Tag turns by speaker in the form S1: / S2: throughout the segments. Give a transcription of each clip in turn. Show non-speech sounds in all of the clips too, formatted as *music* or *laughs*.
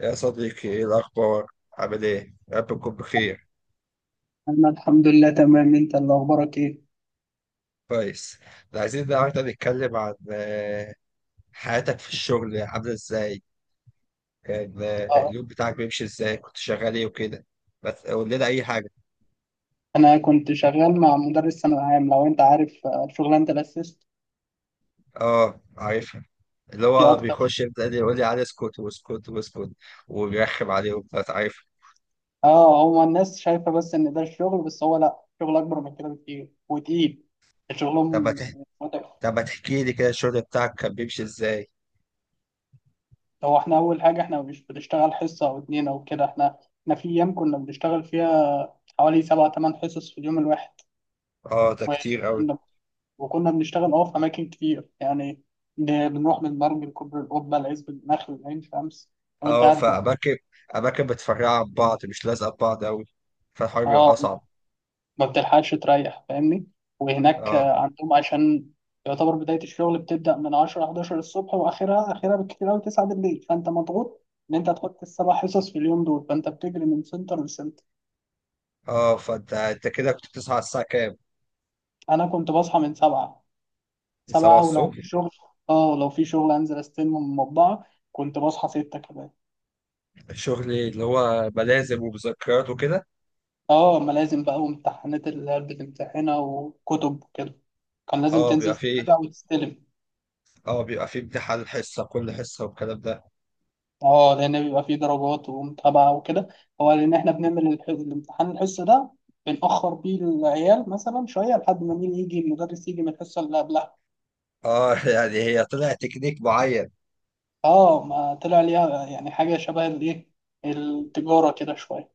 S1: يا صديقي، ايه الاخبار؟ عامل ايه؟ يا رب تكون بخير.
S2: أنا الحمد لله تمام، أنت اللي أخبارك إيه؟
S1: كويس. ده عايزين النهارده نتكلم عن حياتك في الشغل، عامله ازاي؟ كان
S2: أه.
S1: اليوم بتاعك بيمشي ازاي؟ كنت شغال ايه وكده؟ بس قول لنا اي حاجه.
S2: أنا كنت شغال مع مدرس ثانوي عام، لو أنت عارف شغلانة الأسيست
S1: اه، عارفها. اللي
S2: دي
S1: هو
S2: أكتر.
S1: بيخش يبدا يقول لي على اسكت واسكت واسكت، وبيرخم عليه وبتاع، عارف؟
S2: أه، هو الناس شايفة بس إن ده الشغل، بس هو لأ، شغل أكبر من كده بكتير وتقيل.
S1: طب ما
S2: شغلهم
S1: تح-
S2: متعب.
S1: طب ما تحكي لي كده الشغل بتاعك كان بيمشي ازاي؟
S2: هو إحنا أول حاجة، إحنا مش بنشتغل حصة أو اتنين أو كده. إحنا في أيام كنا بنشتغل فيها حوالي 7 8 حصص في اليوم الواحد.
S1: اه، ده كتير قوي.
S2: وكنا وكنا بنشتغل في أماكن كتير يعني. بنروح من مرج لكوبري القبة لعزب النخل لعين شمس. وأنت
S1: اه،
S2: عارف
S1: فاماكن، اماكن متفرعه عن بعض، مش لازقه في بعض قوي، فالحوار بيبقى
S2: اه،
S1: اصعب.
S2: ما بتلحقش تريح، فاهمني. وهناك
S1: اه.
S2: عندهم، عشان يعتبر بداية الشغل بتبدأ من 10 11 الصبح، وآخرها بالكتير أوي 9 بالليل. فأنت مضغوط إن أنت تحط السبع حصص في اليوم دول، فأنت بتجري من سنتر لسنتر.
S1: اه، فانت كده كنت بتصحى على الساعة كام؟
S2: أنا كنت بصحى من 7.
S1: 7
S2: 7، ولو
S1: الصبح؟
S2: في شغل. اه، لو في شغل أنزل أستلمه من المطبعة، كنت بصحى 6 كده.
S1: شغلي اللي هو ملازم ومذكرات وكده؟
S2: اه، ملازم بقى وامتحانات اللي هي بتمتحنها وكتب وكده، كان لازم
S1: اه، بيبقى
S2: تنزل
S1: فيه،
S2: تتابع وتستلم.
S1: اه بيبقى فيه امتحان حصة كل حصة والكلام ده؟
S2: اه، لان بيبقى فيه درجات ومتابعه وكده. هو لان احنا بنعمل الامتحان الحصه ده، بنأخر بيه العيال مثلا شويه لحد ما مين يجي المدرس يجي من الحصه اللي قبلها.
S1: اه *laughs* يعني هي طلع تكنيك معين.
S2: اه، ما طلع ليها يعني حاجه شبه الايه، التجاره كده شويه.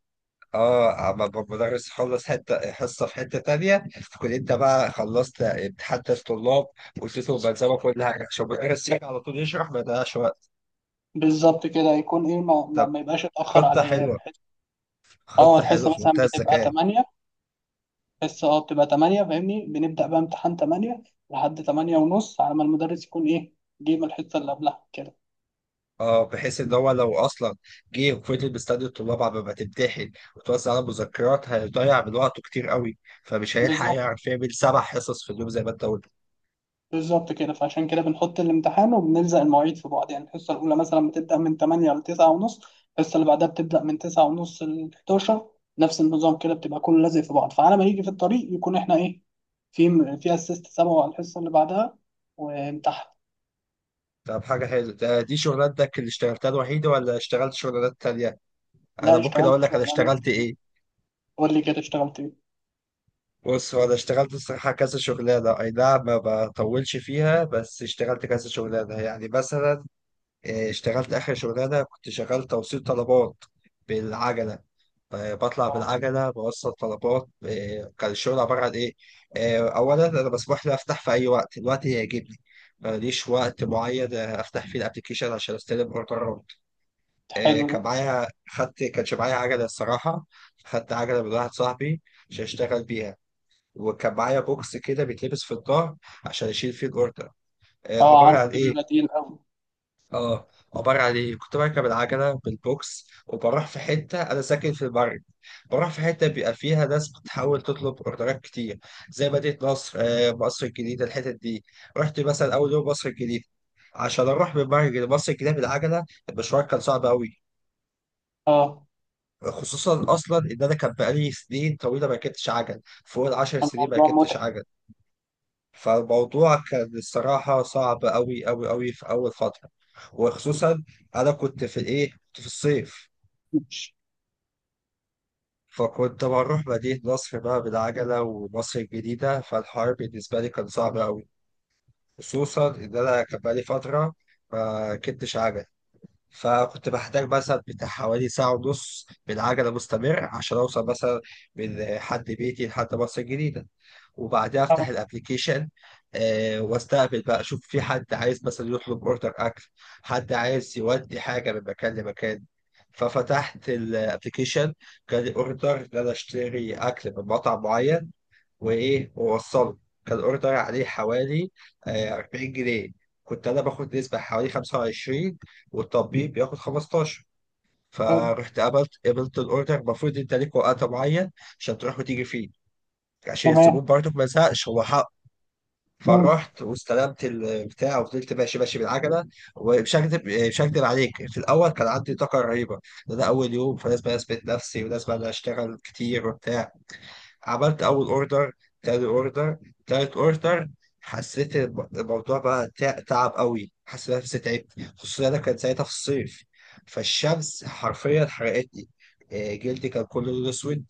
S1: اه، المدرس يخلص حتة حصة في حتة تانية، تكون انت بقى خلصت امتحان الطلاب، واديتهم ملزمة كل حاجة عشان المدرس يجي على طول يشرح، ما يضيعش وقت.
S2: بالظبط كده، يكون ايه، ما, ما,
S1: طب،
S2: ما يبقاش اتأخر
S1: خطة
S2: على العيال
S1: حلوة،
S2: الحصه. اه،
S1: خطة حلوة
S2: الحصه
S1: في
S2: مثلا
S1: منتهى
S2: بتبقى
S1: الذكاء.
S2: 8، بس بتبقى 8 فاهمني، بنبدأ بقى امتحان 8 لحد 8 ونص على ما المدرس يكون ايه، جه من الحصة اللي قبلها كده.
S1: اه، بحيث ان هو لو اصلا جه وفضل مستني الطلاب على ما تمتحن وتوزع على مذكرات، هيضيع من وقته كتير قوي، فمش هيلحق
S2: بالظبط،
S1: يعرف يعمل سبع حصص في اليوم زي ما انت قلت.
S2: بالظبط كده. فعشان كده بنحط الامتحان وبنلزق المواعيد في بعض، يعني الحصة الأولى مثلا بتبدأ من 8 ل 9 ونص، الحصة اللي بعدها بتبدأ من 9 ونص ل 11. نفس النظام كده، بتبقى كله لازق في بعض، فعلى ما يجي في الطريق يكون احنا ايه، في في اسيست سبعه على الحصة اللي بعدها، وامتحن.
S1: طب، حاجه حلوه. ده دي شغلانتك اللي اشتغلتها الوحيده، ولا اشتغلت شغلانات تانية؟ انا
S2: لا،
S1: ممكن
S2: اشتغلت
S1: اقول لك انا
S2: شغلانة.
S1: اشتغلت ايه.
S2: قول لي كده اشتغلت ايه.
S1: بص، هو انا اشتغلت الصراحه كذا شغلانه، اي نعم ما بطولش فيها، بس اشتغلت كذا شغلانه، يعني مثلا اه، اشتغلت اخر شغلانه كنت شغال توصيل طلبات بالعجله. بطلع
S2: اه،
S1: بالعجلة بوصل طلبات. كان الشغل عبارة عن إيه؟ أولا أنا مسموح لي أفتح في أي وقت، الوقت اللي يعجبني، ماليش وقت معين أفتح فيه الأبلكيشن عشان أستلم أوردرات.
S2: حلو
S1: كان
S2: ده.
S1: معايا، خدت، كانش معايا عجلة الصراحة، خدت عجلة من واحد صاحبي عشان أشتغل بيها، وكان معايا بوكس كده بيتلبس في الظهر عشان أشيل فيه الأوردر.
S2: اه،
S1: عبارة عن
S2: عارفه، ده
S1: إيه؟
S2: بيبقى تقيل قوي.
S1: اه، عبارة عن ايه، كنت بركب العجلة بالبوكس وبروح في حتة، أنا ساكن في البرج، بروح في حتة بيبقى فيها ناس بتحاول تطلب أوردرات كتير، زي مدينة نصر، مصر الجديدة، الحتت دي. رحت مثلا أول يوم مصر الجديدة. عشان أروح من البرج لمصر الجديدة بالعجلة، المشوار كان صعب أوي.
S2: اه،
S1: خصوصا أصلا إن أنا كان بقالي سنين طويلة ما ركبتش عجل، فوق العشر سنين ما
S2: الموضوع
S1: ركبتش
S2: متعب.
S1: عجل. فالموضوع كان الصراحة صعب أوي أوي أوي في أول فترة. وخصوصا أنا كنت في الإيه، كنت في الصيف.
S2: مش
S1: فكنت بروح مدينة نصر بقى بالعجلة ومصر الجديدة، فالحوار بالنسبة لي كان صعب أوي. خصوصا إن أنا كان بقالي فترة ما ركبتش عجل. فكنت بحتاج مثلا بتاع حوالي ساعة ونص بالعجلة مستمر عشان أوصل مثلا من حد بيتي لحد مصر الجديدة. وبعدها أفتح الأبليكيشن، آه، وأستقبل بقى، أشوف في حد عايز مثلا يطلب أوردر أكل، حد عايز يودي حاجة من مكان لمكان. ففتحت الابلكيشن، جالي اوردر ان انا اشتري اكل من مطعم معين وايه ووصله. كان الاوردر عليه حوالي 40 جنيه. كنت انا باخد نسبه حوالي 25، والتطبيق بياخد 15.
S2: آه،
S1: فرحت قبلت الاوردر. المفروض انت ليك وقت معين عشان تروح وتيجي فيه، عشان
S2: تمام.
S1: الزبون برضه ما يزهقش، هو حق.
S2: مم.
S1: فرحت واستلمت البتاع وفضلت ماشي ماشي بالعجله. ومش هكدب مش هكدب عليك، في الاول كان عندي طاقه رهيبه، ده اول يوم، فلازم اثبت نفسي ولازم انا اشتغل كتير وبتاع. عملت اول اوردر، تاني اوردر، تالت اوردر، حسيت الموضوع بقى تعب قوي، حسيت نفسي تعبت. خصوصا انا كان ساعتها في الصيف، فالشمس حرفيا حرقتني. جلدي كان كله لون اسود.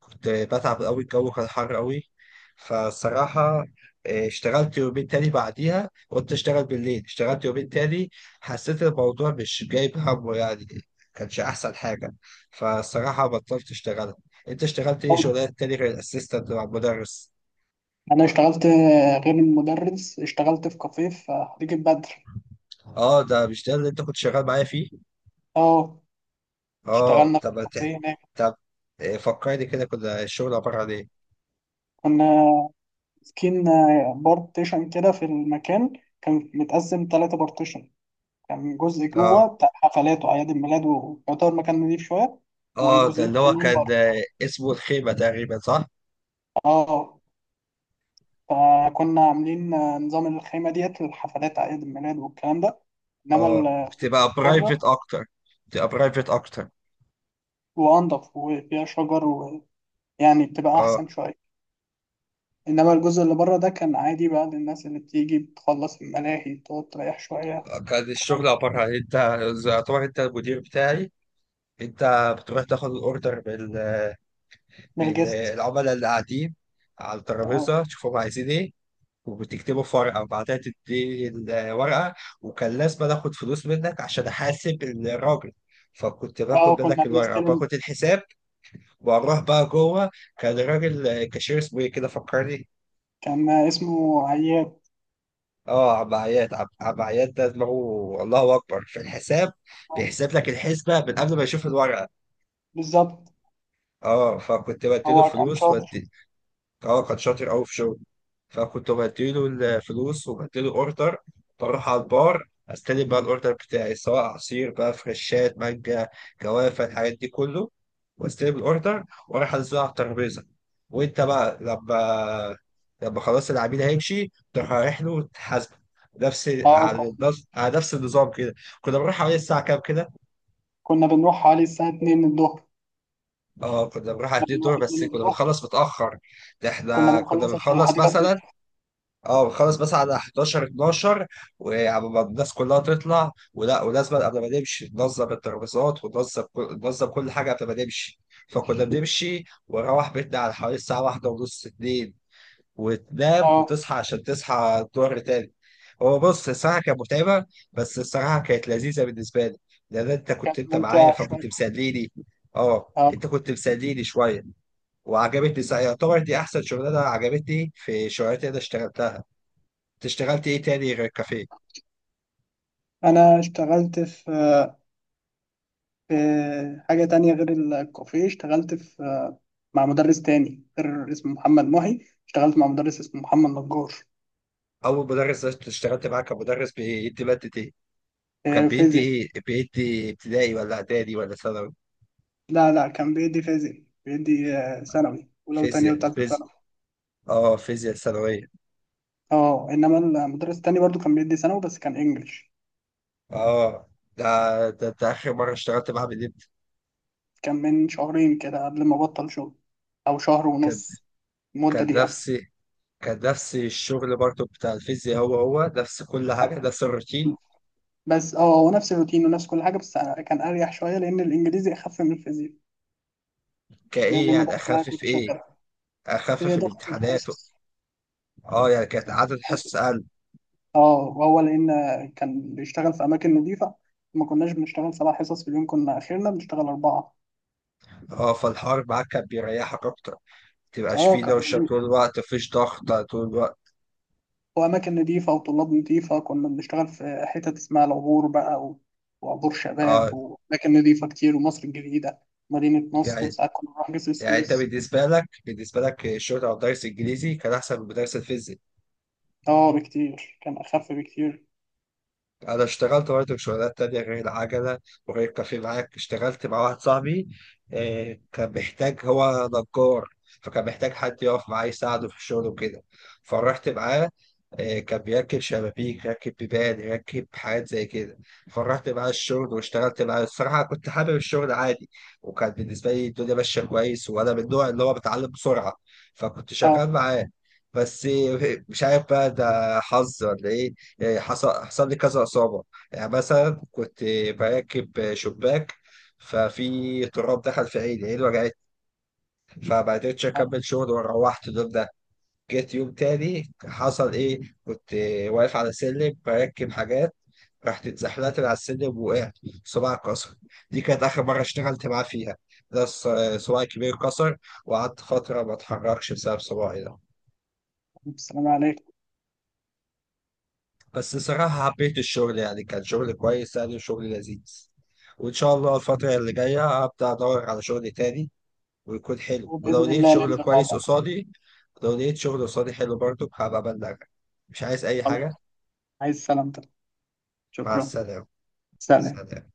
S1: كنت بتعب قوي، الجو كان حر قوي. فالصراحة اشتغلت يومين تاني بعديها، قلت اشتغل بالليل، اشتغلت يومين تاني، حسيت الموضوع مش جايب همه يعني، كانش احسن حاجة، فالصراحة بطلت اشتغل. انت اشتغلت ايه
S2: أوه.
S1: شغلانات تاني غير الاسيستنت مع المدرس؟
S2: انا اشتغلت غير المدرس اشتغلت في كافيه في خليج البدر.
S1: اه، ده مش ده اللي انت كنت شغال معايا فيه؟
S2: اه،
S1: اه.
S2: اشتغلنا
S1: طب
S2: في
S1: ما ت-
S2: كافيه هناك.
S1: طب فكرني كده، كنا الشغل عبارة عن ايه؟
S2: كنا ماسكين بارتيشن كده في المكان، كان متقسم 3 بارتيشن. كان جزء
S1: اه.
S2: جوه بتاع حفلات وأعياد الميلاد، ويعتبر مكان نضيف شوية.
S1: اه، ده
S2: وجزئين
S1: اللي هو
S2: تانيين
S1: كان
S2: بره.
S1: اسمه الخيمة تقريبا، صح؟
S2: اه، فكنا عاملين نظام الخيمة ديت للحفلات أعياد الميلاد والكلام ده. إنما
S1: اه، بتبقى برايفت
S2: بره،
S1: اكتر، بتبقى برايفت اكتر.
S2: وأنضف وفيها شجر، ويعني بتبقى
S1: اه.
S2: أحسن شوية. إنما الجزء اللي بره ده كان عادي بقى، للناس اللي بتيجي بتخلص الملاهي تقعد تريح شوية
S1: كان
S2: الكلام
S1: الشغل
S2: ده.
S1: عبارة عن انت، زي- يعتبر انت المدير بتاعي، انت بتروح تاخد الاوردر من من
S2: بالجست.
S1: العملاء اللي قاعدين على
S2: اه،
S1: الترابيزة، تشوفهم عايزين ايه، وبتكتبه في ورقة، وبعدها تدي الورقة. وكان لازم آخد فلوس منك عشان أحاسب الراجل، فكنت
S2: اه،
S1: باخد
S2: كنا
S1: منك الورقة
S2: بنستلم.
S1: وباخد الحساب وأروح بقى جوه. كان الراجل كاشير، اسمه إيه كده، فكرني.
S2: كان اسمه عياد.
S1: اه، عم عياد. عم عياد ده دماغه الله أكبر في الحساب، بيحسب لك الحسبة من قبل ما يشوف الورقة.
S2: بالظبط.
S1: اه، فكنت بديله
S2: هو كان
S1: فلوس
S2: شاطر.
S1: ودي. اه، كان شاطر أوي في شغله. فكنت بديله الفلوس وبديله اوردر، بروح على البار استلم بقى الاوردر بتاعي، سواء عصير بقى، فريشات مانجا، جوافه، الحاجات دي كله. واستلم الاوردر، واروح انزله على الترابيزه. وانت بقى لما، لما خلاص العميل هيمشي، تروح رايح له وتحاسبه. نفس
S2: اه،
S1: على
S2: كنا
S1: نفس على نفس النظام كده. كنا بنروح حوالي الساعة كام كده؟
S2: كنا بنروح حوالي الساعة 2 الظهر.
S1: اه، كنا بنروح على
S2: كنا
S1: 2
S2: بنروح
S1: دور، بس
S2: 2
S1: كنا
S2: الظهر.
S1: بنخلص متأخر. ده
S2: كنا
S1: احنا كنا
S2: بنخلص عشان
S1: بنخلص
S2: الحديقة
S1: مثلا،
S2: بتقفل.
S1: اه، بخلص بس على 11، 12. وقبل ما الناس كلها تطلع ولا، ولازم قبل ما نمشي ننظم الترابيزات، ننظم كل حاجه قبل ما نمشي. فكنا بنمشي ونروح بيتنا على حوالي الساعه واحدة ونص، اتنين. وتنام
S2: اه،
S1: وتصحى عشان تصحى الظهر تاني. هو بص، الصراحه كانت متعبه، بس الصراحه كانت لذيذه بالنسبه لي. لان انت كنت،
S2: كانت
S1: انت معايا
S2: ممتعة شوية.
S1: فكنت مسليني. اه،
S2: اه،
S1: انت كنت مسليني شويه. وعجبتني، يعتبر دي احسن شغلانه عجبتني في شغلاتي اللي انا اشتغلتها. اشتغلت ايه تاني غير الكافيه؟
S2: أنا اشتغلت في حاجة تانية غير الكافيه، اشتغلت في مع مدرس تاني غير اسمه محمد محي. اشتغلت مع مدرس اسمه محمد نجار.
S1: اول مدرس اشتغلت معاه كان مدرس بيدي ماده ايه؟ كان بيدي
S2: فيزياء.
S1: ايه، بيدي ابتدائي ولا اعدادي ولا ثانوي؟
S2: لا، لا، كان بيدي فيزياء، بيدي ثانوي، ولو تانية
S1: فيزياء،
S2: وتالتة
S1: فيزياء.
S2: ثانوي.
S1: اه، فيزياء ثانويه.
S2: اه، انما المدرس التاني برضو كان بيدي ثانوي بس كان انجلش.
S1: اه. ده, ده اخر مره اشتغلت معاه من امتى؟
S2: كان من شهرين كده، قبل ما بطل شغل، او شهر
S1: كان،
S2: ونص، المدة
S1: كان
S2: دي يعني.
S1: نفس كان نفس الشغل برضه بتاع الفيزياء، هو هو نفس كل حاجه، نفس الروتين.
S2: بس هو نفس الروتين ونفس كل حاجة، بس أنا كان اريح شوية لان الانجليزي اخف من الفيزياء. لان
S1: كايه يعني
S2: المدرس اللي انا كنت
S1: اخفف ايه؟
S2: شغال، في
S1: اخفف
S2: ضغط
S1: الامتحانات؟
S2: الحصص.
S1: اه، يعني كانت
S2: لا.
S1: عدد حصص
S2: حصص.
S1: اقل؟
S2: اه، وهو لان كان بيشتغل في اماكن نظيفه، ما كناش بنشتغل 7 حصص في اليوم، كنا اخرنا بنشتغل 4.
S1: اه، فالحوار معاك كان بيريحك اكتر، تبقاش
S2: اه،
S1: فيه
S2: كان
S1: دوشة طول
S2: مريح.
S1: الوقت، مفيش ضغط طول الوقت.
S2: واماكن نظيفه وطلاب نظيفه، كنا بنشتغل في حتت اسمها العبور بقى وعبور
S1: اه،
S2: شباب، واماكن نظيفه كتير، ومصر الجديده. مدينه نصر،
S1: يعني،
S2: وساعات كنا بنروح جسر
S1: يعني انت
S2: السويس.
S1: بالنسبة لك، بالنسبة لك الشغل او درس انجليزي كان احسن من درس الفيزياء.
S2: اه، بكتير، كان اخف بكتير.
S1: انا اشتغلت برضه شغلانات تانية غير العجلة وغير كافيه معاك. اشتغلت مع واحد صاحبي، كان محتاج، هو نجار، فكان محتاج حد يقف معاه يساعده في الشغل وكده. فرحت معاه، كان بيركب شبابيك، يركب بيبان، يركب حاجات زي كده. فرحت معاه الشغل واشتغلت معاه، الصراحة كنت حابب الشغل عادي، وكان بالنسبة لي الدنيا ماشية كويس، وأنا من النوع اللي هو بتعلم بسرعة، فكنت شغال
S2: اه.
S1: معاه. بس مش عارف بقى ده حظ ولا إيه، يعني حصل لي كذا إصابة. يعني مثلا كنت براكب شباك، ففي تراب دخل في عيني، عيني وجعت، فما قدرتش
S2: اه،
S1: أكمل شغل، وروحت اليوم ده. جيت يوم تاني، حصل إيه، كنت واقف على سلم براكب حاجات، رحت اتزحلقت من على السلم ووقعت، صباعي اتكسر. دي كانت آخر مرة اشتغلت معاه فيها. ده صباعي الكبير اتكسر، وقعدت فترة ما اتحركش بسبب صباعي ده.
S2: السلام عليكم.
S1: بس صراحة حبيت الشغل، يعني كان شغل كويس يعني، وشغل لذيذ. وإن شاء الله الفترة اللي جاية أبدأ أدور على شغل تاني، ويكون حلو، ولو
S2: وباذن
S1: لقيت
S2: الله
S1: شغل
S2: ننزل مع
S1: كويس
S2: بعض.
S1: قصادي، لو لقيت شغل قصادي حلو برضه هبقى أبلغك. مش عايز أي
S2: خلاص.
S1: حاجة.
S2: عايز سلامتك.
S1: مع
S2: شكرا.
S1: السلامة.
S2: سلام.
S1: سلام.